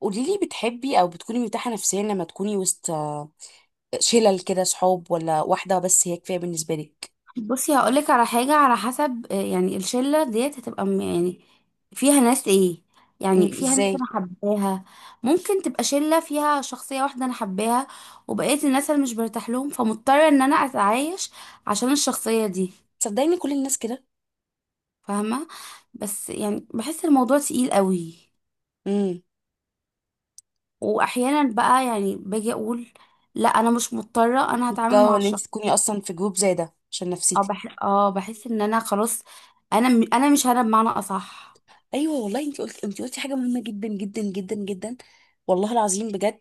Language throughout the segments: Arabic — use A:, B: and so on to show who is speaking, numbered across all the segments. A: قولي لي، بتحبي او بتكوني مرتاحه نفسيا لما تكوني وسط شلل كده صحاب، ولا واحده بس هي كفايه بالنسبه لك؟
B: بصي هقولك على حاجة على حسب يعني الشلة ديت هتبقى يعني فيها ناس ايه.
A: امم،
B: يعني فيها ناس
A: ازاي؟
B: انا حباها. ممكن تبقى شلة فيها شخصية واحدة انا حباها. وبقية الناس انا مش برتاح لهم، فمضطرة ان انا اتعايش عشان الشخصية دي.
A: صدقيني كل الناس كده.
B: فاهمة؟ بس يعني بحس الموضوع تقيل قوي.
A: امم،
B: واحيانا بقى يعني باجي اقول، لا انا مش مضطرة، انا هتعامل
A: ده
B: مع
A: ان انت
B: الشخص.
A: تكوني اصلا في جروب زي ده عشان
B: اه
A: نفسيتك.
B: بح... اه بحس ان انا خلاص. انا مش انا بمعنى اصح.
A: ايوه والله، انت قلتي حاجه مهمه جدا جدا جدا جدا، والله العظيم بجد.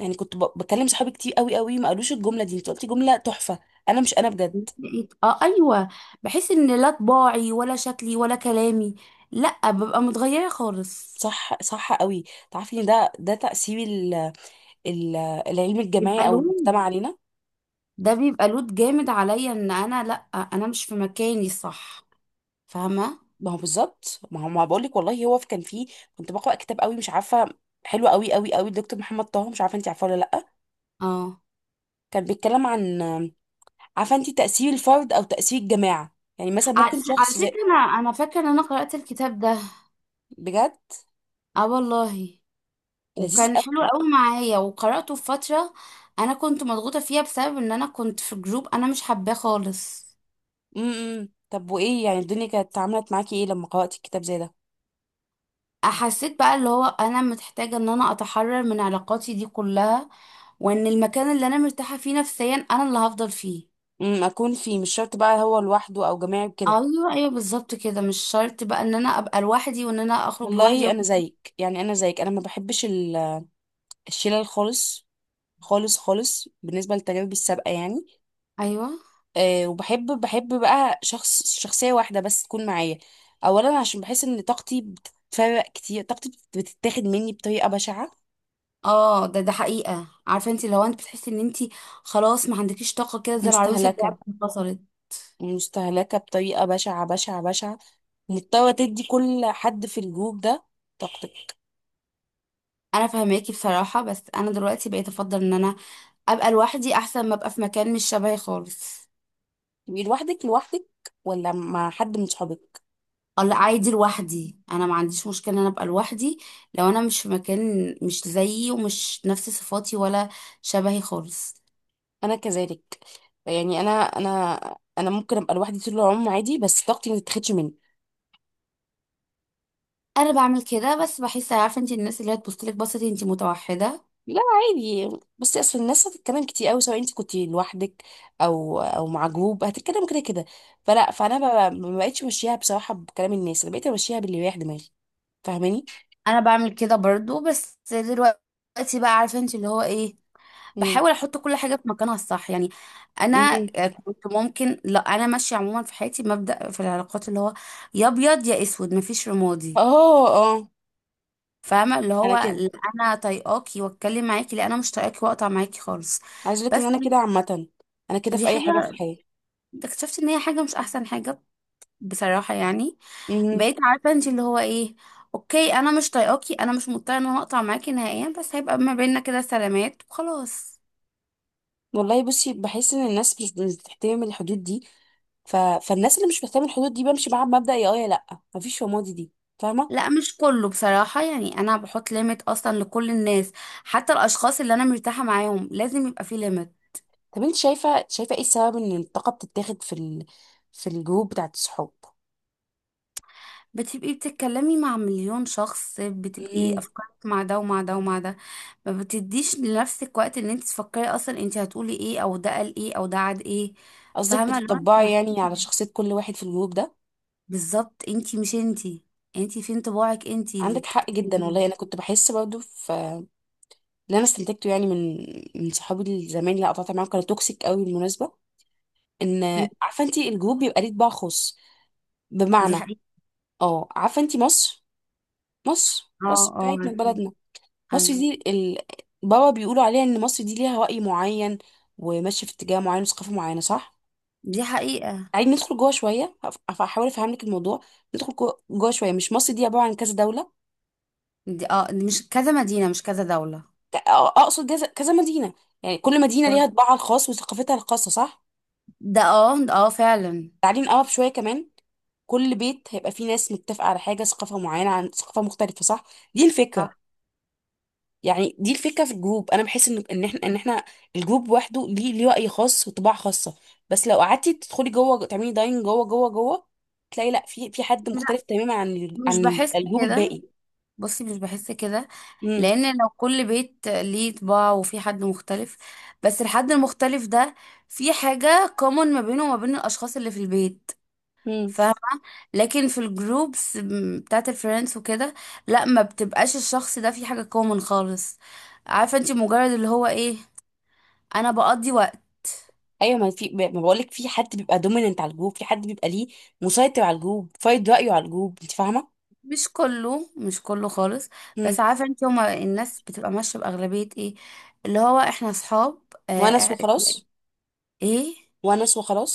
A: يعني كنت بكلم صحابي كتير قوي قوي، ما قالوش الجمله دي. انت قلتي جمله تحفه. انا مش انا بجد.
B: بقيت ايوه. بحس ان لا طباعي ولا شكلي ولا كلامي، لا ببقى متغيره خالص.
A: صح قوي. تعرفي ان ده تاثير العلم الجماعي
B: بيبقى
A: او المجتمع
B: لود.
A: علينا.
B: ده بيبقى لود جامد عليا ان انا لا، انا مش في مكاني الصح. فاهمه؟
A: ما هو بالظبط، ما هو ما بقول لك والله، كان فيه، كنت بقرا كتاب قوي مش عارفه، حلو قوي قوي قوي، الدكتور محمد طه، مش عارفه انت عارفه ولا لا.
B: اه،
A: كان بيتكلم عن، عارفه انت، تاثير الفرد او تاثير الجماعه. يعني مثلا
B: على
A: ممكن
B: على
A: شخص زي،
B: فكره، انا فاكره ان انا قرات الكتاب ده.
A: بجد
B: اه، والله.
A: لذيذ
B: وكان حلو
A: قوي.
B: قوي معايا وقراته في فتره انا كنت مضغوطه فيها، بسبب ان انا كنت في جروب انا مش حباه خالص.
A: إمم. طب وايه يعني الدنيا كانت عملت معاكي ايه لما قرأتي الكتاب زي ده؟
B: حسيت بقى اللي هو انا محتاجه ان انا اتحرر من علاقاتي دي كلها، وان المكان اللي انا مرتاحه فيه نفسيا انا اللي هفضل فيه.
A: امم، اكون فيه. مش شرط بقى هو لوحده او جماعي كده.
B: ايوه، ايوه، بالظبط كده مش شرط بقى ان انا ابقى لوحدي وان انا اخرج لوحدي
A: والله
B: و...
A: انا زيك، يعني انا زيك، انا ما بحبش الشلل خالص. خالص خالص، بالنسبه لتجاربي السابقه يعني.
B: ايوه.
A: آه، وبحب بقى شخص، شخصية واحدة بس تكون معايا. أولا عشان بحس إن طاقتي بتتفرق كتير، طاقتي بتتاخد مني بطريقة بشعة.
B: اه، ده حقيقه، عارفه انت؟ لو انت بتحسي ان انت خلاص ما عندكيش طاقه كده، زي العروسه
A: مستهلكة،
B: بتاعتك انفصلت.
A: مستهلكة بطريقة بشعة بشعة بشعة، مضطرة تدي كل حد في الجروب ده طاقتك.
B: انا فهماكي بصراحه، بس انا دلوقتي بقيت افضل ان انا ابقى لوحدي احسن ما ابقى في مكان مش شبهي خالص.
A: تبقي لوحدك لوحدك، ولا مع حد من صحابك؟
B: اه، لا، عادي لوحدي، انا ما عنديش مشكله ان انا ابقى لوحدي لو انا مش في مكان مش زيي ومش نفس صفاتي ولا شبهي خالص.
A: أنا كذلك، يعني أنا، أنا ممكن أبقى لوحدي طول العمر عادي، بس طاقتي ما تتاخدش مني.
B: انا بعمل كده، بس بحس عارفه انت؟ الناس اللي هي تبص لك بصتي انت متوحده.
A: لا عادي. بصي، اصل الناس هتتكلم كتير قوي، سواء انت كنت لوحدك او او مع جروب هتتكلم كده كده. فلا، فانا ما بقتش ماشيها بصراحه بكلام الناس، انا بقيت ماشيها باللي يريح دماغي. فاهماني؟
B: انا بعمل كده برضو، بس دلوقتي بقى عارفه انت اللي هو ايه.
A: امم.
B: بحاول احط كل حاجه في مكانها الصح يعني. انا
A: امم.
B: كنت ممكن، لا، انا ماشيه عموما في حياتي مبدأ في العلاقات اللي هو يا ابيض يا اسود، مفيش رمادي.
A: اه. اه
B: فاهمه؟ اللي
A: انا
B: هو
A: كده،
B: لا انا طايقاكي واتكلم معاكي، لا انا مش طايقاكي واقطع معاكي خالص.
A: عايز اقول لك ان
B: بس
A: انا كده عامه، انا كده
B: دي
A: في اي حاجه في
B: حاجه
A: الحياه.
B: اكتشفت ان هي حاجه مش احسن حاجه بصراحه يعني.
A: امم.
B: بقيت عارفه انت اللي هو ايه، اوكي انا مش طايقاكي، انا مش مضطره ان انا اقطع معاكي نهائيا، بس هيبقى ما بيننا كده سلامات وخلاص.
A: والله بصي، بحس ان الناس مش بتحترم الحدود دي. فالناس اللي مش بتحترم الحدود دي بمشي معاها بمبدأ يا اه يا لا، مفيش فماضي دي، فاهمه؟
B: لا، مش كله بصراحة، يعني أنا بحط ليميت أصلا لكل الناس، حتى الأشخاص اللي أنا مرتاحة معاهم لازم يبقى في ليميت.
A: طب انت شايفه ايه السبب ان الطاقه بتتاخد في في الجروب بتاعت الصحاب؟
B: بتبقي بتتكلمي مع مليون شخص، بتبقي
A: امم.
B: أفكارك مع ده ومع ده ومع ده. ما بتديش لنفسك وقت ان انت تفكري اصلا انت هتقولي ايه، او ده قال ايه، او ده عاد ايه.
A: قصدك
B: فاهمه؟ اللي هو انت
A: بتطبعي يعني على
B: محسوسة،
A: شخصيه كل واحد في الجروب ده؟
B: بالظبط انت مش انت، انت فين طباعك انت اللي
A: عندك حق
B: بتتكلمي
A: جدا والله. انا
B: بيه.
A: كنت بحس برضو في، اللي انا استنتجته يعني من صحابي الزمان اللي قطعت معاهم، كانوا توكسيك قوي بالمناسبه. ان،
B: مم.
A: عارفه انت الجروب بيبقى ليه طباع خاص،
B: دي
A: بمعنى،
B: حقيقه.
A: اه عارفه انت مصر؟ مصر،
B: اه.
A: مصر
B: اه،
A: بتاعتنا
B: عارفين.
A: بلدنا، مصر
B: ايوه.
A: دي بابا بيقولوا عليها ان مصر دي ليها رأي معين وماشيه في اتجاه معين وثقافه معينه، صح؟
B: دي حقيقه.
A: عايز ندخل جوه شويه، هحاول افهم لك الموضوع. ندخل جوه جوه شويه، مش مصر دي عباره عن كذا دوله،
B: دي مش كذا مدينه، مش كذا دوله.
A: اقصد، كذا مدينه. يعني كل مدينه ليها
B: طب.
A: طباعها الخاص وثقافتها الخاصه، صح؟
B: ده اه ده اه فعلا.
A: تعالي نقرب شويه كمان، كل بيت هيبقى فيه ناس متفقه على حاجه، ثقافه معينه عن ثقافه مختلفه، صح؟ دي الفكره.
B: صح.
A: يعني دي الفكره في الجروب، انا بحس ان ان احنا الجروب لوحده ليه راي خاص وطباع خاصه. بس لو قعدتي تدخلي جوه، تعملي داين جوه جوه جوه، تلاقي لا، في حد
B: لا،
A: مختلف تماما عن
B: مش
A: عن
B: بحس
A: الجروب
B: كده.
A: الباقي.
B: بصي، مش بحس كده.
A: امم.
B: لان لو كل بيت ليه طباع وفي حد مختلف، بس الحد المختلف ده في حاجة common ما بينه وما بين الاشخاص اللي في البيت.
A: مم.
B: فاهمة؟ لكن في الجروبس بتاعت الفريندز وكده، لا ما بتبقاش الشخص ده في حاجة common خالص. عارفة انت مجرد اللي هو ايه، انا بقضي وقت.
A: ايوه، ما في، ما بقول لك، في حد بيبقى دوميننت على الجروب، في حد بيبقى ليه مسيطر على الجروب، فايد رايه على الجروب، انت فاهمه.
B: مش كله، مش كله خالص.
A: مم.
B: بس عارفة انت؟ هما الناس بتبقى ماشية بأغلبية ايه، اللي هو احنا اصحاب.
A: ونس
B: آه.
A: وخلاص.
B: ايه.
A: ونس وخلاص.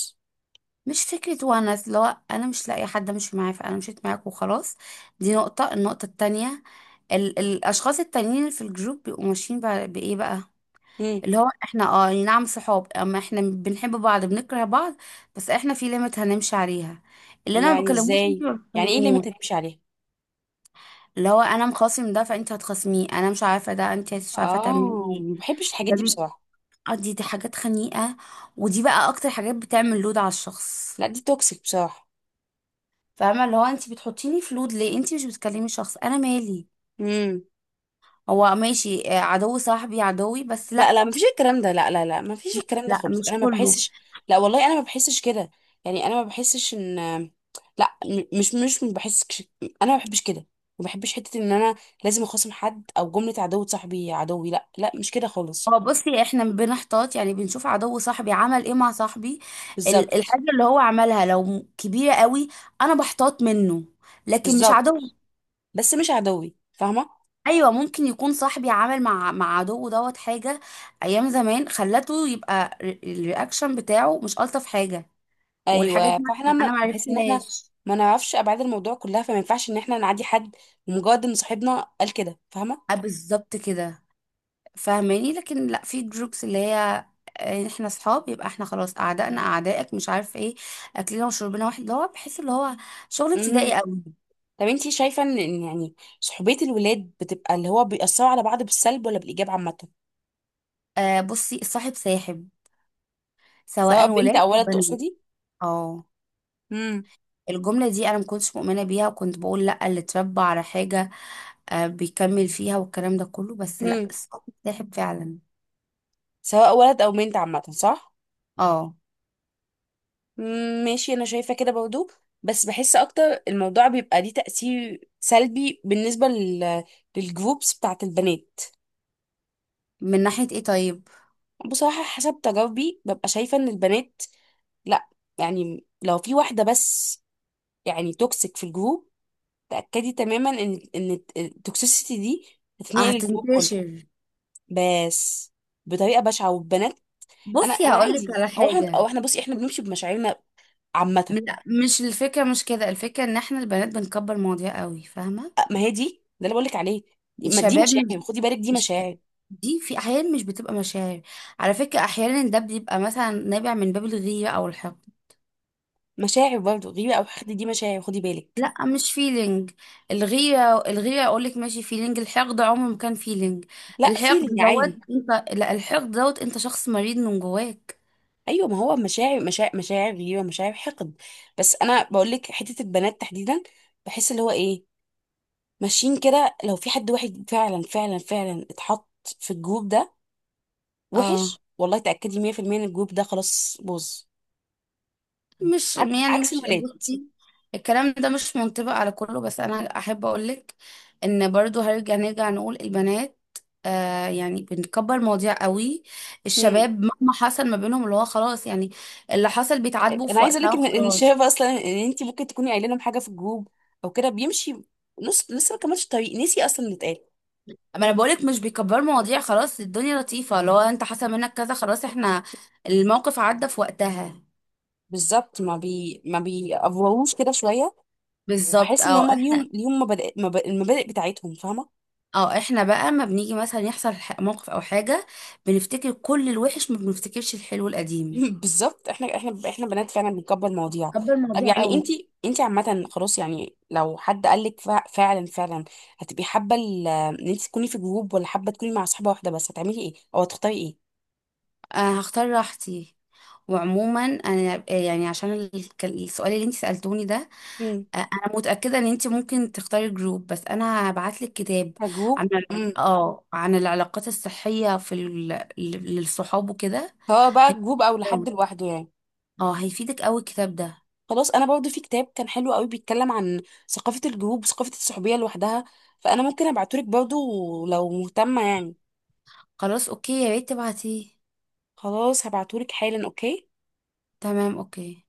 B: مش فكرة ونس، لو أنا مش لاقي حد أمشي معاه فأنا مشيت معاك وخلاص. دي نقطة، النقطة التانية، الأشخاص التانيين اللي في الجروب بيبقوا ماشيين بإيه بقى،
A: مم.
B: اللي هو احنا، أي نعم صحاب، اما احنا بنحب بعض بنكره بعض، بس احنا في ليميت هنمشي عليها، اللي انا ما
A: يعني
B: بكلموش انت
A: ازاي؟
B: ما
A: يعني ايه
B: بتكلموه.
A: ليميت هتمشي عليها؟
B: اللي هو انا مخاصم ده فانت هتخاصميه، انا مش عارفه، ده انت مش عارفه تعملي
A: اه،
B: ايه.
A: ما بحبش الحاجات
B: ده
A: دي بصراحه.
B: بيقضي، دي حاجات خنيقه، ودي بقى اكتر حاجات بتعمل لود على الشخص.
A: لا دي توكسيك بصراحه.
B: فاهمه؟ اللي هو انت بتحطيني في لود ليه؟ انت مش بتكلمي شخص انا مالي،
A: مم.
B: هو ماشي، عدو صاحبي عدوي، بس
A: لا
B: لا.
A: لا، مفيش الكلام ده، لا لا لا مفيش الكلام ده
B: لا
A: خالص،
B: مش
A: انا ما
B: كله.
A: بحسش. لا والله انا ما بحسش كده. يعني انا ما بحسش ان، لا مش ما بحسش، انا ما بحبش كده. ما بحبش حته ان انا لازم اخاصم حد، او جمله عدو صاحبي عدوي، لا لا مش كده خالص.
B: هو بصي، احنا بنحتاط يعني بنشوف عدو صاحبي عمل ايه مع صاحبي،
A: بالظبط.
B: الحاجه اللي هو عملها لو كبيره قوي، انا بحتاط منه لكن مش
A: بالظبط.
B: عدو.
A: بس مش عدوي، فاهمه؟
B: ايوه، ممكن يكون صاحبي عمل مع عدوه دوت حاجه ايام زمان، خلته يبقى الرياكشن بتاعه مش الطف حاجه. والحاجات
A: ايوه،
B: دي
A: فاحنا
B: انا
A: ما
B: ما
A: بحس ان احنا
B: عرفتهاش.
A: ما نعرفش ابعاد الموضوع كلها، فما ينفعش ان احنا نعدي حد مجرد ان صاحبنا قال كده،
B: آه، بالظبط كده. فاهماني؟ لكن لا، في جروبس اللي هي آه، احنا صحاب يبقى احنا خلاص، اعدائنا اعدائك مش عارف ايه، اكلنا وشربنا واحد، اللي هو بحس اللي هو شغل ابتدائي
A: فاهمه؟
B: قوي.
A: طب انتي شايفة ان إن يعني صحوبية الولاد بتبقى اللي هو بيأثروا على بعض بالسلب ولا بالإيجاب عامة؟
B: آه، بصي الصاحب ساحب،
A: سواء
B: سواء
A: بنت
B: ولاد
A: أو
B: او
A: ولد
B: بنات.
A: تقصدي؟
B: اه.
A: امم.
B: الجمله دي انا ما كنتش مؤمنه بيها، وكنت بقول لا، اللي اتربى على حاجه بيكمل فيها والكلام ده كله، بس لا،
A: امم.
B: الصاحب ساحب فعلا.
A: سواء ولد أو بنت عامة، صح؟
B: اه.
A: مم، ماشي، أنا شايفة كده برضو، بس بحس أكتر الموضوع بيبقى ليه تأثير سلبي بالنسبة للجروبس بتاعت البنات.
B: من ناحيه ايه طيب؟
A: بصراحة حسب تجاربي ببقى شايفة ان البنات، لا، يعني لو في واحدة بس يعني توكسيك في الجروب، تأكدي تماما ان التوكسيسيتي دي
B: آه،
A: هتنقل الجروب
B: هتنتشر.
A: كله. بس بطريقه بشعه، والبنات، انا
B: بصي،
A: انا
B: هقولك
A: عادي،
B: على
A: او احنا، او
B: حاجه.
A: احنا، بصي احنا بنمشي بمشاعرنا عامه.
B: لا، مش الفكرة، مش كده الفكرة، ان احنا البنات بنكبر مواضيع قوي، فاهمة؟
A: ما هي دي، ده اللي بقول لك عليه. ما دي
B: الشباب مش
A: مشاعر خدي بالك، دي
B: مش-
A: مشاعر.
B: دي في احيان مش بتبقى مشاعر. على فكرة احيانا ده بيبقى مثلا نابع من باب الغيرة او الحقد.
A: مشاعر برضه، غيره او حقد، دي مشاعر خدي بالك.
B: لا مش فيلينج. الغيرة، الغيرة اقول لك ماشي فيلينج، الحقد عمره ما كان فيلينج.
A: لا،
B: الحقد
A: فيلينج
B: دوت
A: عادي.
B: انت، لا، الحقد دوت انت شخص مريض من جواك.
A: ايوه ما هو مشاعر، مشاعر، مشاعر غيره، مشاعر حقد. بس انا بقول لك حته البنات تحديدا، بحس اللي هو ايه، ماشيين كده. لو في حد واحد فعلا فعلا فعلا اتحط في الجروب ده
B: اه،
A: وحش، والله تاكدي 100% ان الجروب ده خلاص باظ.
B: مش يعني،
A: عكس
B: مش،
A: الولاد.
B: بصي، الكلام ده مش منطبق على كله، بس انا احب اقولك ان برضو نرجع نقول البنات يعني بنكبر مواضيع قوي.
A: مم.
B: الشباب مهما حصل ما بينهم اللي هو خلاص يعني، اللي حصل بيتعاتبوا
A: انا
B: في
A: عايزه اقول
B: وقتها
A: لك ان إن
B: وخلاص.
A: شايفه اصلا ان انت ممكن تكوني قايله لهم حاجه في الجروب او كده، بيمشي نص لسه ما كملش الطريق، نسي اصلا اللي اتقال.
B: اما انا بقولك مش بيكبروا مواضيع، خلاص الدنيا لطيفة، اللي هو انت حصل منك كذا خلاص، احنا الموقف عدى في وقتها.
A: بالظبط، ما بيأفوروش كده شويه.
B: بالظبط،
A: وبحس ان
B: اه
A: هما
B: احنا
A: ليهم، ليهم مبادئ، المبادئ بتاعتهم، فاهمه؟
B: اه احنا بقى ما بنيجي مثلا يحصل موقف او حاجة، بنفتكر كل الوحش ما بنفتكرش الحلو القديم.
A: بالظبط، احنا احنا بنات فعلا بنكبر المواضيع.
B: حابه
A: طب
B: المواضيع
A: يعني
B: قوي.
A: انت، انت عامه خلاص يعني لو حد قال لك، فعلا فعلا، هتبقي حابه ان انت تكوني في جروب، ولا حابه تكوني مع صاحبه واحده بس؟ هتعملي ايه او هتختاري ايه؟
B: أنا هختار راحتي، وعموما انا يعني عشان كان السؤال اللي انت سألتوني ده،
A: مم.
B: انا متأكدة ان انت ممكن تختاري جروب، بس انا هبعت لك كتاب
A: كجروب.
B: عن عن العلاقات الصحية للصحاب وكده.
A: سواء بقى جروب
B: هيفيدك
A: او
B: قوي.
A: لحد لوحده يعني.
B: اه، هيفيدك قوي الكتاب ده.
A: خلاص انا برضو في كتاب كان حلو قوي، بيتكلم عن ثقافة الجروب وثقافة الصحوبية لوحدها، فانا ممكن ابعتهولك برضو لو مهتمة يعني.
B: خلاص اوكي، يا ريت تبعتيه.
A: خلاص هبعتهولك حالا، اوكي.
B: تمام، اوكي.